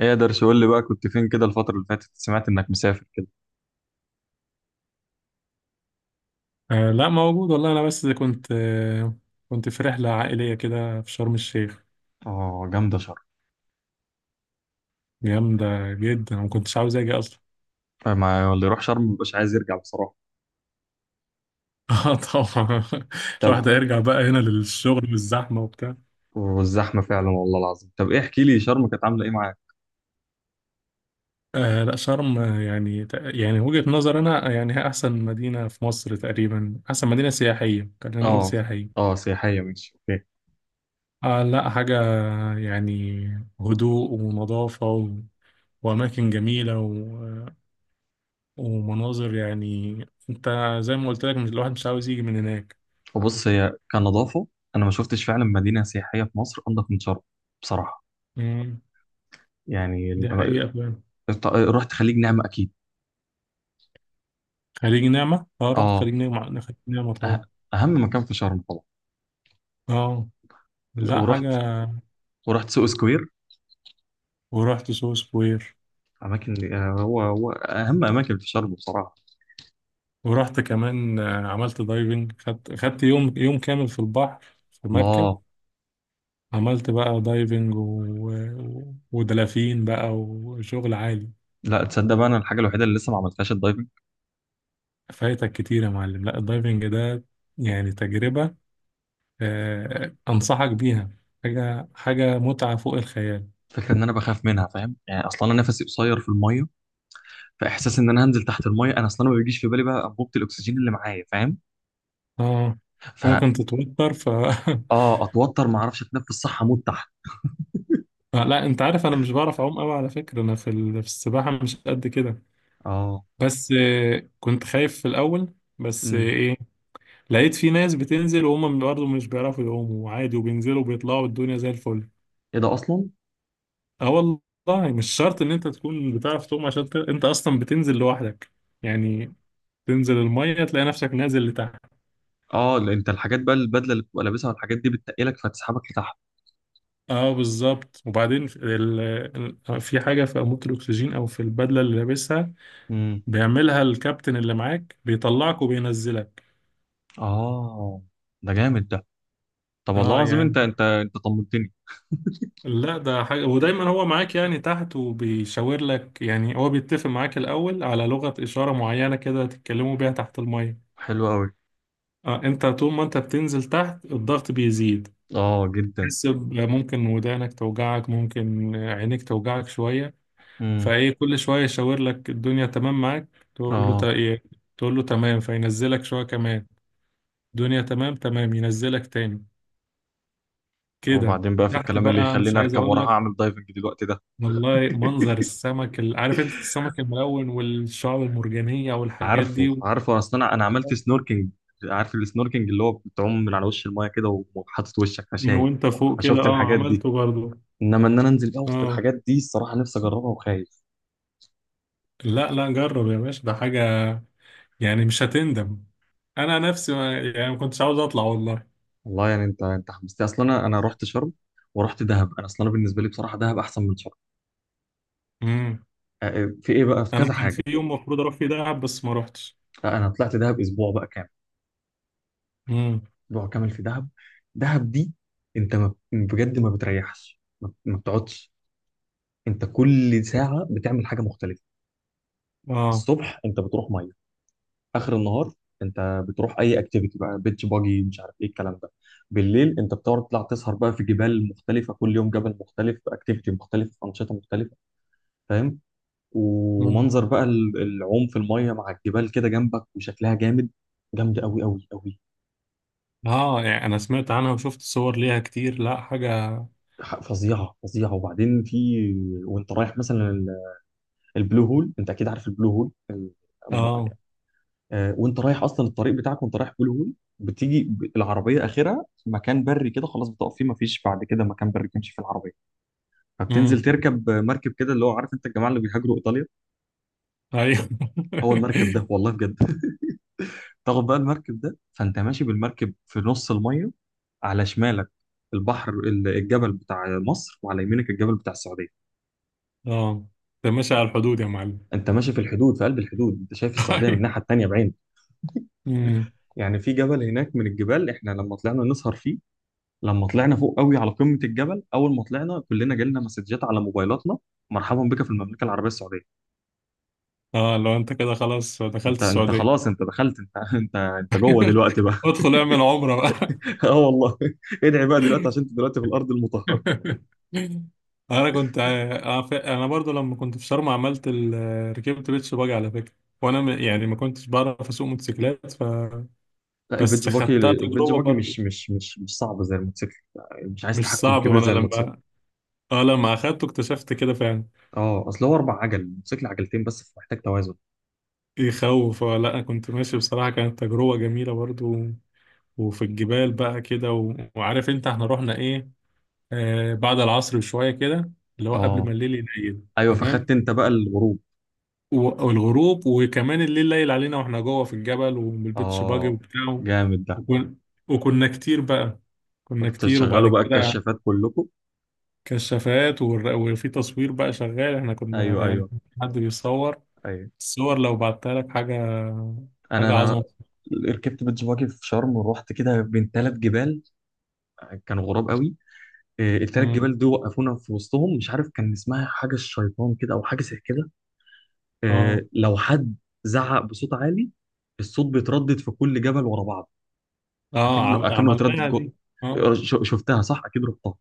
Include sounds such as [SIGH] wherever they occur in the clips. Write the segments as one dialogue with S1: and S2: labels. S1: ايه درش، قول لي بقى، كنت فين كده الفترة اللي فاتت؟ سمعت انك مسافر كده.
S2: لا موجود والله، انا بس كنت في رحله عائليه كده في شرم الشيخ.
S1: اه، جامدة شرم.
S2: جامده جدا، ما كنتش عاوز اجي اصلا.
S1: ما اللي يروح شرم مبقاش عايز يرجع بصراحة.
S2: [LAUGHS] اه، طبعا
S1: طب.
S2: الواحد هيرجع بقى هنا للشغل والزحمه وبتاع.
S1: والزحمة فعلا، والله العظيم. طب ايه، احكي لي شرم كانت عاملة ايه معاك؟
S2: لا، شرم يعني وجهه نظر انا، يعني هي احسن مدينه في مصر تقريبا، احسن مدينه سياحيه، خلينا نقول
S1: اه.
S2: سياحيه.
S1: اه، سياحية، ماشي، اوكي.
S2: لا حاجه، يعني هدوء ونظافه واماكن جميله ومناظر يعني. انت زي ما قلت لك، مش الواحد مش عاوز يجي من هناك.
S1: وبص، هي كنظافة، انا ما شفتش فعلا مدينة سياحية في مصر انضف من شرم، بصراحة.
S2: مم.
S1: يعني
S2: دي
S1: ال-
S2: حقيقة فعلا.
S1: رحت خليج نعمة اكيد.
S2: خليج نعمة، اه رحت
S1: اه.
S2: خليج نعمة، أنا خليج نعمة طبعا.
S1: أه- اهم مكان في شرم طبعا.
S2: اه لا
S1: ورحت
S2: حاجة.
S1: ورحت سوق سكوير.
S2: ورحت سو سكوير.
S1: اماكن، هو اهم اماكن في شرم بصراحة.
S2: ورحت كمان، عملت دايفنج، خدت يوم كامل في البحر، في مركب.
S1: الله.
S2: عملت بقى دايفنج ودلافين بقى وشغل عالي.
S1: لا تصدق بقى، انا الحاجه الوحيده اللي لسه ما عملتهاش الدايفنج.
S2: فايتك كتير يا معلم، لا الدايفنج ده يعني تجربة، أنصحك بيها. حاجة متعة فوق الخيال.
S1: فكره ان انا بخاف منها، فاهم يعني، اصلا انا نفسي قصير في الميه. فاحساس ان انا هنزل تحت الميه، انا اصلا ما بيجيش في بالي بقى انبوبه الاكسجين اللي معايا، فاهم.
S2: اه.
S1: ف
S2: ممكن تتوتر ف [LAUGHS]
S1: اه، اتوتر، ما اعرفش اتنفس صح، اموت تحت.
S2: لا انت عارف انا مش بعرف اعوم قوي على فكرة، انا في في السباحة مش قد كده،
S1: اه.
S2: بس كنت خايف في الاول، بس
S1: امم
S2: ايه. لقيت في ناس بتنزل وهم برضه مش بيعرفوا يعوموا عادي وبينزلوا وبيطلعوا الدنيا زي الفل.
S1: ايه ده اصلا؟
S2: اه والله مش شرط ان انت تكون بتعرف تعوم عشان انت اصلا بتنزل لوحدك يعني. تنزل المية تلاقي نفسك نازل لتحت.
S1: اه، لأ، انت الحاجات بقى، البدله اللي بتبقى لابسها والحاجات دي بتتقلك فتسحبك لتحت.
S2: اه بالظبط، وبعدين في في حاجه في انبوبه الاكسجين او في البدله اللي لابسها،
S1: امم
S2: بيعملها الكابتن اللي معاك، بيطلعك وبينزلك.
S1: اه. ده جامد ده. طب والله
S2: اه
S1: العظيم، انت
S2: يعني.
S1: انت انت طمنتني.
S2: لا ده حاجه، ودايما هو معاك يعني تحت، وبيشاور لك، يعني هو بيتفق معاك الاول على لغه اشاره معينه كده تتكلموا بيها تحت الميه.
S1: حلو قوي.
S2: اه، انت طول ما انت بتنزل تحت الضغط بيزيد.
S1: اه، جدا.
S2: تحس ممكن ودانك توجعك، ممكن عينيك توجعك شويه.
S1: امم
S2: فايه كل شويه يشاور لك الدنيا تمام معاك، تقول له
S1: اه،
S2: إيه؟ تقول له تمام، فينزلك شويه كمان. الدنيا تمام، تمام ينزلك تاني كده.
S1: وبعدين بقى في
S2: وتحت
S1: الكلام اللي
S2: بقى مش
S1: يخليني
S2: عايز
S1: اركب
S2: اقول
S1: وراها
S2: لك.
S1: اعمل دايفنج دلوقتي ده.
S2: والله منظر السمك عارف انت، السمك الملون والشعاب المرجانيه والحاجات
S1: عارفه
S2: دي و-.
S1: عارفه، اصل انا عملت سنوركينج. عارف السنوركينج، اللي هو بتعوم من على وش المايه كده وحاطط وشك،
S2: من
S1: فشايف.
S2: وانت فوق كده،
S1: فشفت
S2: اه
S1: الحاجات دي.
S2: عملته برضه.
S1: انما ان انا انزل بقى وسط
S2: اه
S1: الحاجات دي، الصراحه نفسي اجربها، وخايف.
S2: لا لا، جرب يا باشا، ده حاجه يعني مش هتندم. انا نفسي ما يعني ما كنتش عاوز اطلع والله.
S1: والله يعني، انت حمستني. اصلا انا رحت شرم، ورحت دهب. انا اصلا بالنسبه لي بصراحه، دهب احسن من شرم.
S2: امم.
S1: في ايه بقى، في
S2: انا
S1: كذا
S2: كان في
S1: حاجه.
S2: يوم المفروض اروح فيه دهب بس ما روحتش.
S1: انا طلعت دهب اسبوع بقى كامل. اسبوع كامل في دهب. دهب دي، انت ما بجد ما بتريحش، ما بتقعدش. انت كل ساعه بتعمل حاجه مختلفه.
S2: اه.
S1: الصبح انت بتروح ميه. اخر النهار انت بتروح اي اكتيفيتي بقى، بيتش باجي، مش عارف ايه الكلام ده. بالليل انت بتقعد تطلع تسهر بقى في جبال مختلفه، كل يوم جبل مختلف، اكتيفيتي مختلف، انشطه مختلفه. فاهم.
S2: مم.
S1: ومنظر بقى العوم في الميه مع الجبال كده جنبك، وشكلها جامد. جامد قوي قوي قوي.
S2: اه يعني انا سمعت عنها وشفت صور ليها كتير، لا حاجة.
S1: فظيعه فظيعه. وبعدين في، وانت رايح مثلا البلو هول. انت اكيد عارف البلو هول.
S2: اه.
S1: وانت رايح اصلا الطريق بتاعك وانت رايح بلو هول، بتيجي العربيه اخرها مكان بري كده، خلاص، بتقف فيه، مفيش بعد كده مكان بري تمشي فيه العربيه. فبتنزل
S2: امم.
S1: تركب مركب كده، اللي هو عارف انت الجماعه اللي بيهاجروا ايطاليا.
S2: ايوه.
S1: هو المركب ده، والله
S2: [LAUGHS]
S1: بجد. [LAUGHS] تاخد بقى المركب ده، فانت ماشي بالمركب في نص الميه، على شمالك البحر الجبل بتاع مصر، وعلى يمينك الجبل بتاع السعوديه.
S2: اه. ده ماشي على الحدود يا معلم.
S1: انت ماشي في الحدود، في قلب الحدود، انت شايف
S2: [LAUGHS]
S1: السعوديه من
S2: ايوه.
S1: الناحيه التانيه بعين.
S2: امم.
S1: يعني في جبل هناك من الجبال احنا لما طلعنا نسهر فيه، لما طلعنا فوق قوي على قمه الجبل، اول ما طلعنا كلنا جالنا مسجات على موبايلاتنا: مرحبا بك في المملكه العربيه السعوديه.
S2: اه، لو انت كده خلاص دخلت
S1: انت
S2: السعودية.
S1: خلاص،
S2: [LAUGHS]
S1: انت دخلت، انت جوه دلوقتي بقى.
S2: ادخل اعمل عمرة بقى.
S1: [LAUGHS] اه والله. ادعي بقى دلوقتي عشان انت دلوقتي في الارض المطهره.
S2: [LAUGHS] انا كنت انا برضو لما كنت في شرم عملت ركبت بيتش باجي على فكرة، وانا يعني ما كنتش بعرف اسوق موتوسيكلات ف.
S1: لا، البيتش
S2: بس
S1: باجي،
S2: خدتها تجربة برضو.
S1: مش صعب زي الموتوسيكل. مش عايز
S2: مش
S1: تحكم
S2: صعب.
S1: كبير، زي صعب
S2: وانا
S1: زي الموتوسيكل.
S2: لما، اه لما اخدته اكتشفت كده فعلا.
S1: اه، اصل هو اربع عجل، الموتوسيكل عجلتين بس، فمحتاج توازن.
S2: يخوف. اه لا، كنت ماشي بصراحة، كانت تجربة جميلة برضو. وفي الجبال بقى كده وعارف انت احنا رحنا ايه، آه بعد العصر بشوية كده، اللي هو قبل ما
S1: اه،
S2: الليل يليل.
S1: ايوه، فخدت
S2: تمام.
S1: انت بقى الغروب.
S2: والغروب، وكمان الليل ليل علينا واحنا جوه في الجبل وبالبيتش باجي
S1: اه،
S2: وبتاعه.
S1: جامد ده.
S2: وكن... وكنا كتير بقى كنا كتير وبعد
S1: بتشغلوا بقى
S2: كده.
S1: الكشافات كلكم؟
S2: كشافات وفي تصوير بقى شغال، احنا كنا
S1: ايوه،
S2: يعني
S1: ايوه،
S2: كان في حد بيصور.
S1: ايوه.
S2: الصور لو بعتها لك حاجة،
S1: انا
S2: حاجة
S1: انا
S2: عظمة.
S1: ركبت بيتش باجي في شرم، ورحت كده بين ثلاث جبال. كانوا غراب قوي. التلات
S2: مم.
S1: جبال دول وقفونا في وسطهم، مش عارف كان اسمها حاجه الشيطان كده او حاجه زي كده.
S2: اه.
S1: لو حد زعق بصوت عالي، الصوت بيتردد في كل جبل ورا بعض،
S2: اه
S1: اكنه اكنه بيتردد
S2: عملناها
S1: جوه.
S2: دي. اه
S1: شفتها صح اكيد، رحتها.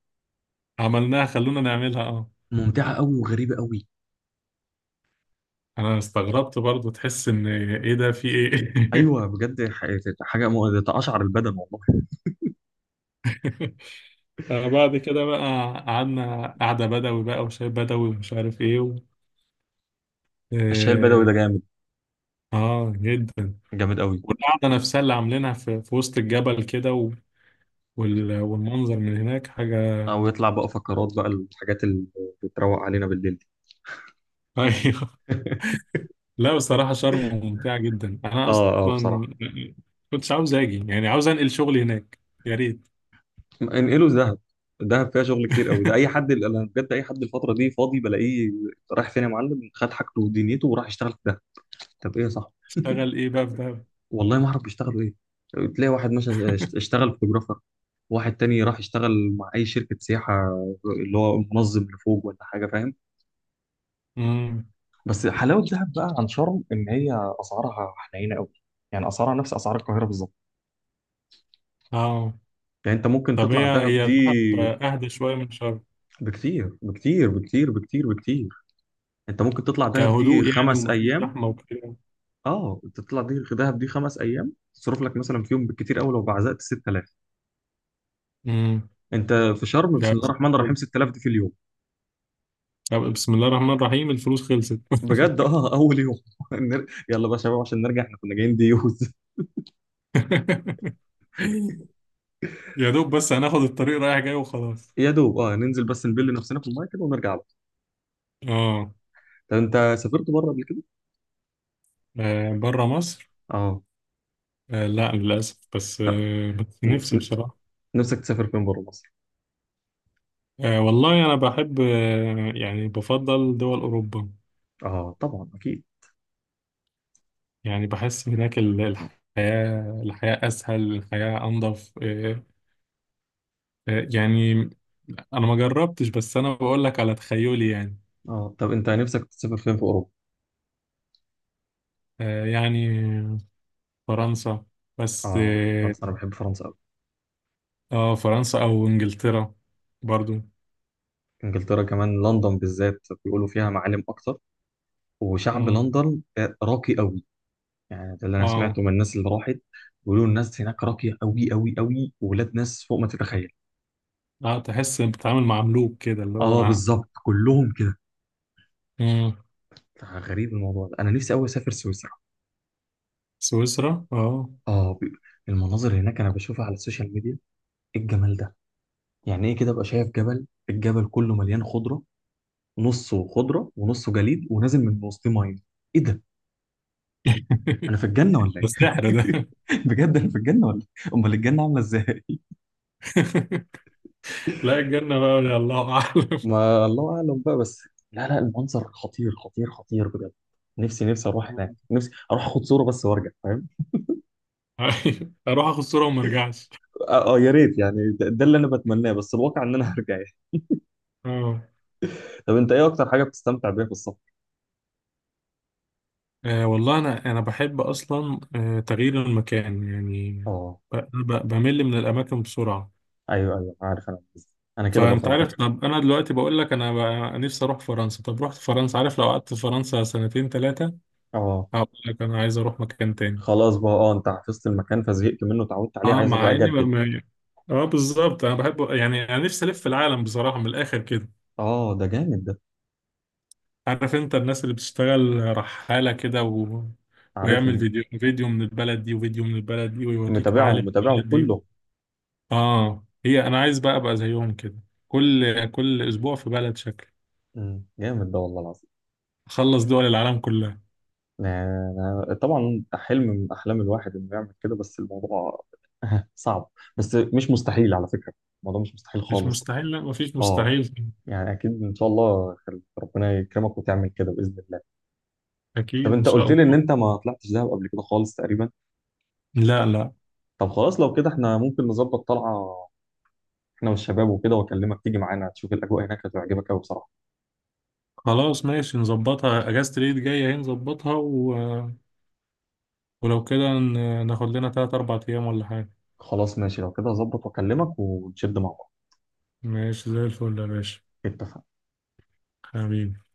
S2: عملناها، خلونا نعملها اه.
S1: ممتعه قوي وغريبه قوي.
S2: انا استغربت برضو، تحس ان ايه ده، في ايه.
S1: ايوه بجد، حاجه تقشعر البدن والله.
S2: [LAUGHS] بعد كده بقى قعدنا قعدة بدوي بقى وشاي بدوي ومش عارف ايه و...
S1: الشاي البدوي
S2: اه.
S1: ده جامد.
S2: آه، جدا.
S1: جامد قوي.
S2: والقعدة نفسها اللي عاملينها في, في وسط الجبل كده و... والمنظر من هناك حاجة.
S1: او يطلع بقى فقرات بقى، الحاجات اللي بتروق علينا بالليل دي.
S2: [LAUGHS] ايوه.
S1: [LAUGHS]
S2: لا بصراحة شرم ممتعة جدا. انا
S1: اه، اه بصراحه.
S2: اصلا كنتش عاوز اجي، يعني عاوز انقل شغلي هناك. يا ريت.
S1: انقله دهب. دهب فيها شغل كتير قوي، ده اي
S2: [LAUGHS]
S1: حد، انا بجد اي حد الفتره دي فاضي بلاقيه رايح فين يا معلم، خد حاجته ودنيته وراح يشتغل في دهب. طب ايه يا صاحبي،
S2: اشتغل ايه بقى في دهب.
S1: والله ما اعرف بيشتغلوا ايه. تلاقي واحد مثلا اشتغل فوتوغرافر، واحد تاني راح يشتغل مع اي شركه سياحه، اللي هو منظم لفوق ولا حاجه، فاهم.
S2: امم.
S1: بس حلاوه دهب بقى عن شرم ان هي اسعارها حنينه قوي. يعني اسعارها نفس اسعار القاهره بالظبط.
S2: اه.
S1: يعني انت ممكن
S2: طب
S1: تطلع
S2: هي،
S1: دهب
S2: هي
S1: دي،
S2: دهب اهدى شويه من شرم؟
S1: بكتير بكتير بكتير بكتير بكتير. انت ممكن تطلع دهب دي
S2: كهدوء يعني،
S1: خمس
S2: ومفيش
S1: ايام.
S2: زحمه وكده.
S1: اه، انت تطلع دي دهب دي خمس ايام، تصرف لك مثلا في يوم بالكتير قوي لو بعزقت 6000.
S2: امم.
S1: انت في شرم،
S2: ده
S1: بسم الله
S2: بس
S1: الرحمن الرحيم،
S2: فل.
S1: 6000 دي في اليوم.
S2: طب بسم الله الرحمن الرحيم الفلوس خلصت.
S1: بجد، اه اول يوم. [LAUGHS] يلا بقى يا شباب عشان نرجع، احنا كنا جايين ديوز. [LAUGHS]
S2: [LAUGHS] يا دوب بس هناخد الطريق رايح جاي وخلاص.
S1: يا دوب، اه، ننزل بس نبل نفسنا في المايه كده ونرجع بقى.
S2: اه.
S1: طب انت سافرت بره قبل كده؟
S2: بره مصر؟
S1: اه.
S2: لا للاسف، بس بس
S1: ن-
S2: نفسي
S1: ن-
S2: بصراحه.
S1: نفسك تسافر فين بره مصر؟
S2: والله انا بحب، يعني بفضل دول اوروبا.
S1: اه طبعا اكيد.
S2: يعني بحس هناك الحياه، الحياه اسهل، الحياه انظف. يعني. انا ما جربتش، بس انا بقول لك على تخيلي يعني.
S1: اه، طب انت نفسك تسافر فين في اوروبا؟
S2: يعني فرنسا، بس
S1: اه،
S2: اه.
S1: فرنسا، انا بحب فرنسا قوي.
S2: فرنسا او انجلترا برضو.
S1: انجلترا كمان، لندن بالذات بيقولوا فيها معالم اكتر، وشعب
S2: مم.
S1: لندن، راقي قوي. يعني ده اللي انا
S2: اه.
S1: سمعته من الناس اللي راحت، بيقولوا الناس هناك راقيه قوي قوي قوي، وولاد ناس فوق ما تتخيل.
S2: اه، تحس بتتعامل مع ملوك كده اللي
S1: اه
S2: هو.
S1: بالظبط، كلهم كده.
S2: مم.
S1: غريب الموضوع ده، انا نفسي قوي اسافر سويسرا.
S2: سويسرا اه.
S1: اه. المناظر هناك انا بشوفها على السوشيال ميديا، ايه الجمال ده؟ يعني ايه كده، ابقى شايف جبل، الجبل كله مليان خضره، نصه خضره ونصه جليد ونازل من وسط ميه. ايه ده،
S2: [LAUGHS]
S1: انا في الجنه ولا
S2: ده سحر
S1: ايه؟
S2: ده.
S1: [LAUGHS] بجد انا في الجنه ولا إيه؟ امال الجنه عامله ازاي؟
S2: [LAUGHS] لا، الجنة بقى يا الله اعلم.
S1: ما الله اعلم بقى بس، لا لا، المنظر خطير خطير خطير بجد. نفسي نفسي اروح هناك، نفسي اروح اخد صوره بس وارجع، فاهم.
S2: [LAUGHS] اروح اخد صورة وما ارجعش.
S1: يا ريت يعني. ده، اللي انا بتمناه، بس الواقع ان انا هرجع يعني.
S2: اه.
S1: [LAUGHS] طب انت ايه اكتر حاجه بتستمتع بيها في السفر؟
S2: والله أنا بحب أصلا، تغيير المكان يعني.
S1: اه،
S2: بمل من الأماكن بسرعة.
S1: ايوه ايوه، عارف انا قصدي. انا كده برضه
S2: فأنت
S1: على
S2: عارف،
S1: فكره.
S2: طب أنا دلوقتي بقول لك أنا نفسي أروح فرنسا، طب رحت فرنسا، عارف لو قعدت في فرنسا سنتين ثلاثة
S1: اه،
S2: هقول لك أنا عايز أروح مكان تاني.
S1: خلاص بقى، اه انت حفظت المكان فزهقت منه، اتعودت عليه،
S2: أه
S1: عايز
S2: مع
S1: ابقى
S2: إني ما
S1: اجدد.
S2: ما- أه بالظبط، أنا بحب يعني، أنا نفسي ألف في العالم بصراحة من الآخر كده.
S1: اه، ده جامد ده.
S2: عارف أنت الناس اللي بتشتغل رحالة كده ويعمل
S1: عارفهم.
S2: فيديو من البلد دي وفيديو من البلد دي ويوريك
S1: متابعهم
S2: معالم
S1: متابعهم
S2: البلد دي.
S1: كله.
S2: اه، هي انا عايز بقى ابقى زيهم كده. كل اسبوع في بلد شكل.
S1: مم، جامد ده والله العظيم.
S2: اخلص دول العالم كلها.
S1: طبعا، حلم من احلام الواحد انه يعمل كده، بس الموضوع، [LAUGHS] صعب. بس مش مستحيل على فكره. الموضوع مش مستحيل
S2: مش
S1: خالص.
S2: مستحيل، لا مفيش
S1: اه
S2: مستحيل.
S1: يعني، اكيد ان شاء الله، ربنا يكرمك وتعمل كده باذن الله. طب
S2: اكيد ان
S1: انت
S2: شاء
S1: قلت لي ان
S2: الله.
S1: انت ما طلعتش دهب قبل كده خالص تقريبا.
S2: لا لا.
S1: طب خلاص، لو كده احنا ممكن نظبط طلعه، احنا والشباب وكده، واكلمك تيجي معانا تشوف الاجواء هناك، هتعجبك قوي بصراحه.
S2: خلاص ماشي نظبطها، اجازة العيد جاية اهي نظبطها و... ولو كده ناخد لنا 3 4 ايام ولا حاجة.
S1: خلاص ماشي، لو كده هظبط واكلمك، ونشد مع بعض.
S2: ماشي زي الفل يا باشا.
S1: اتفقنا.
S2: حبيبي.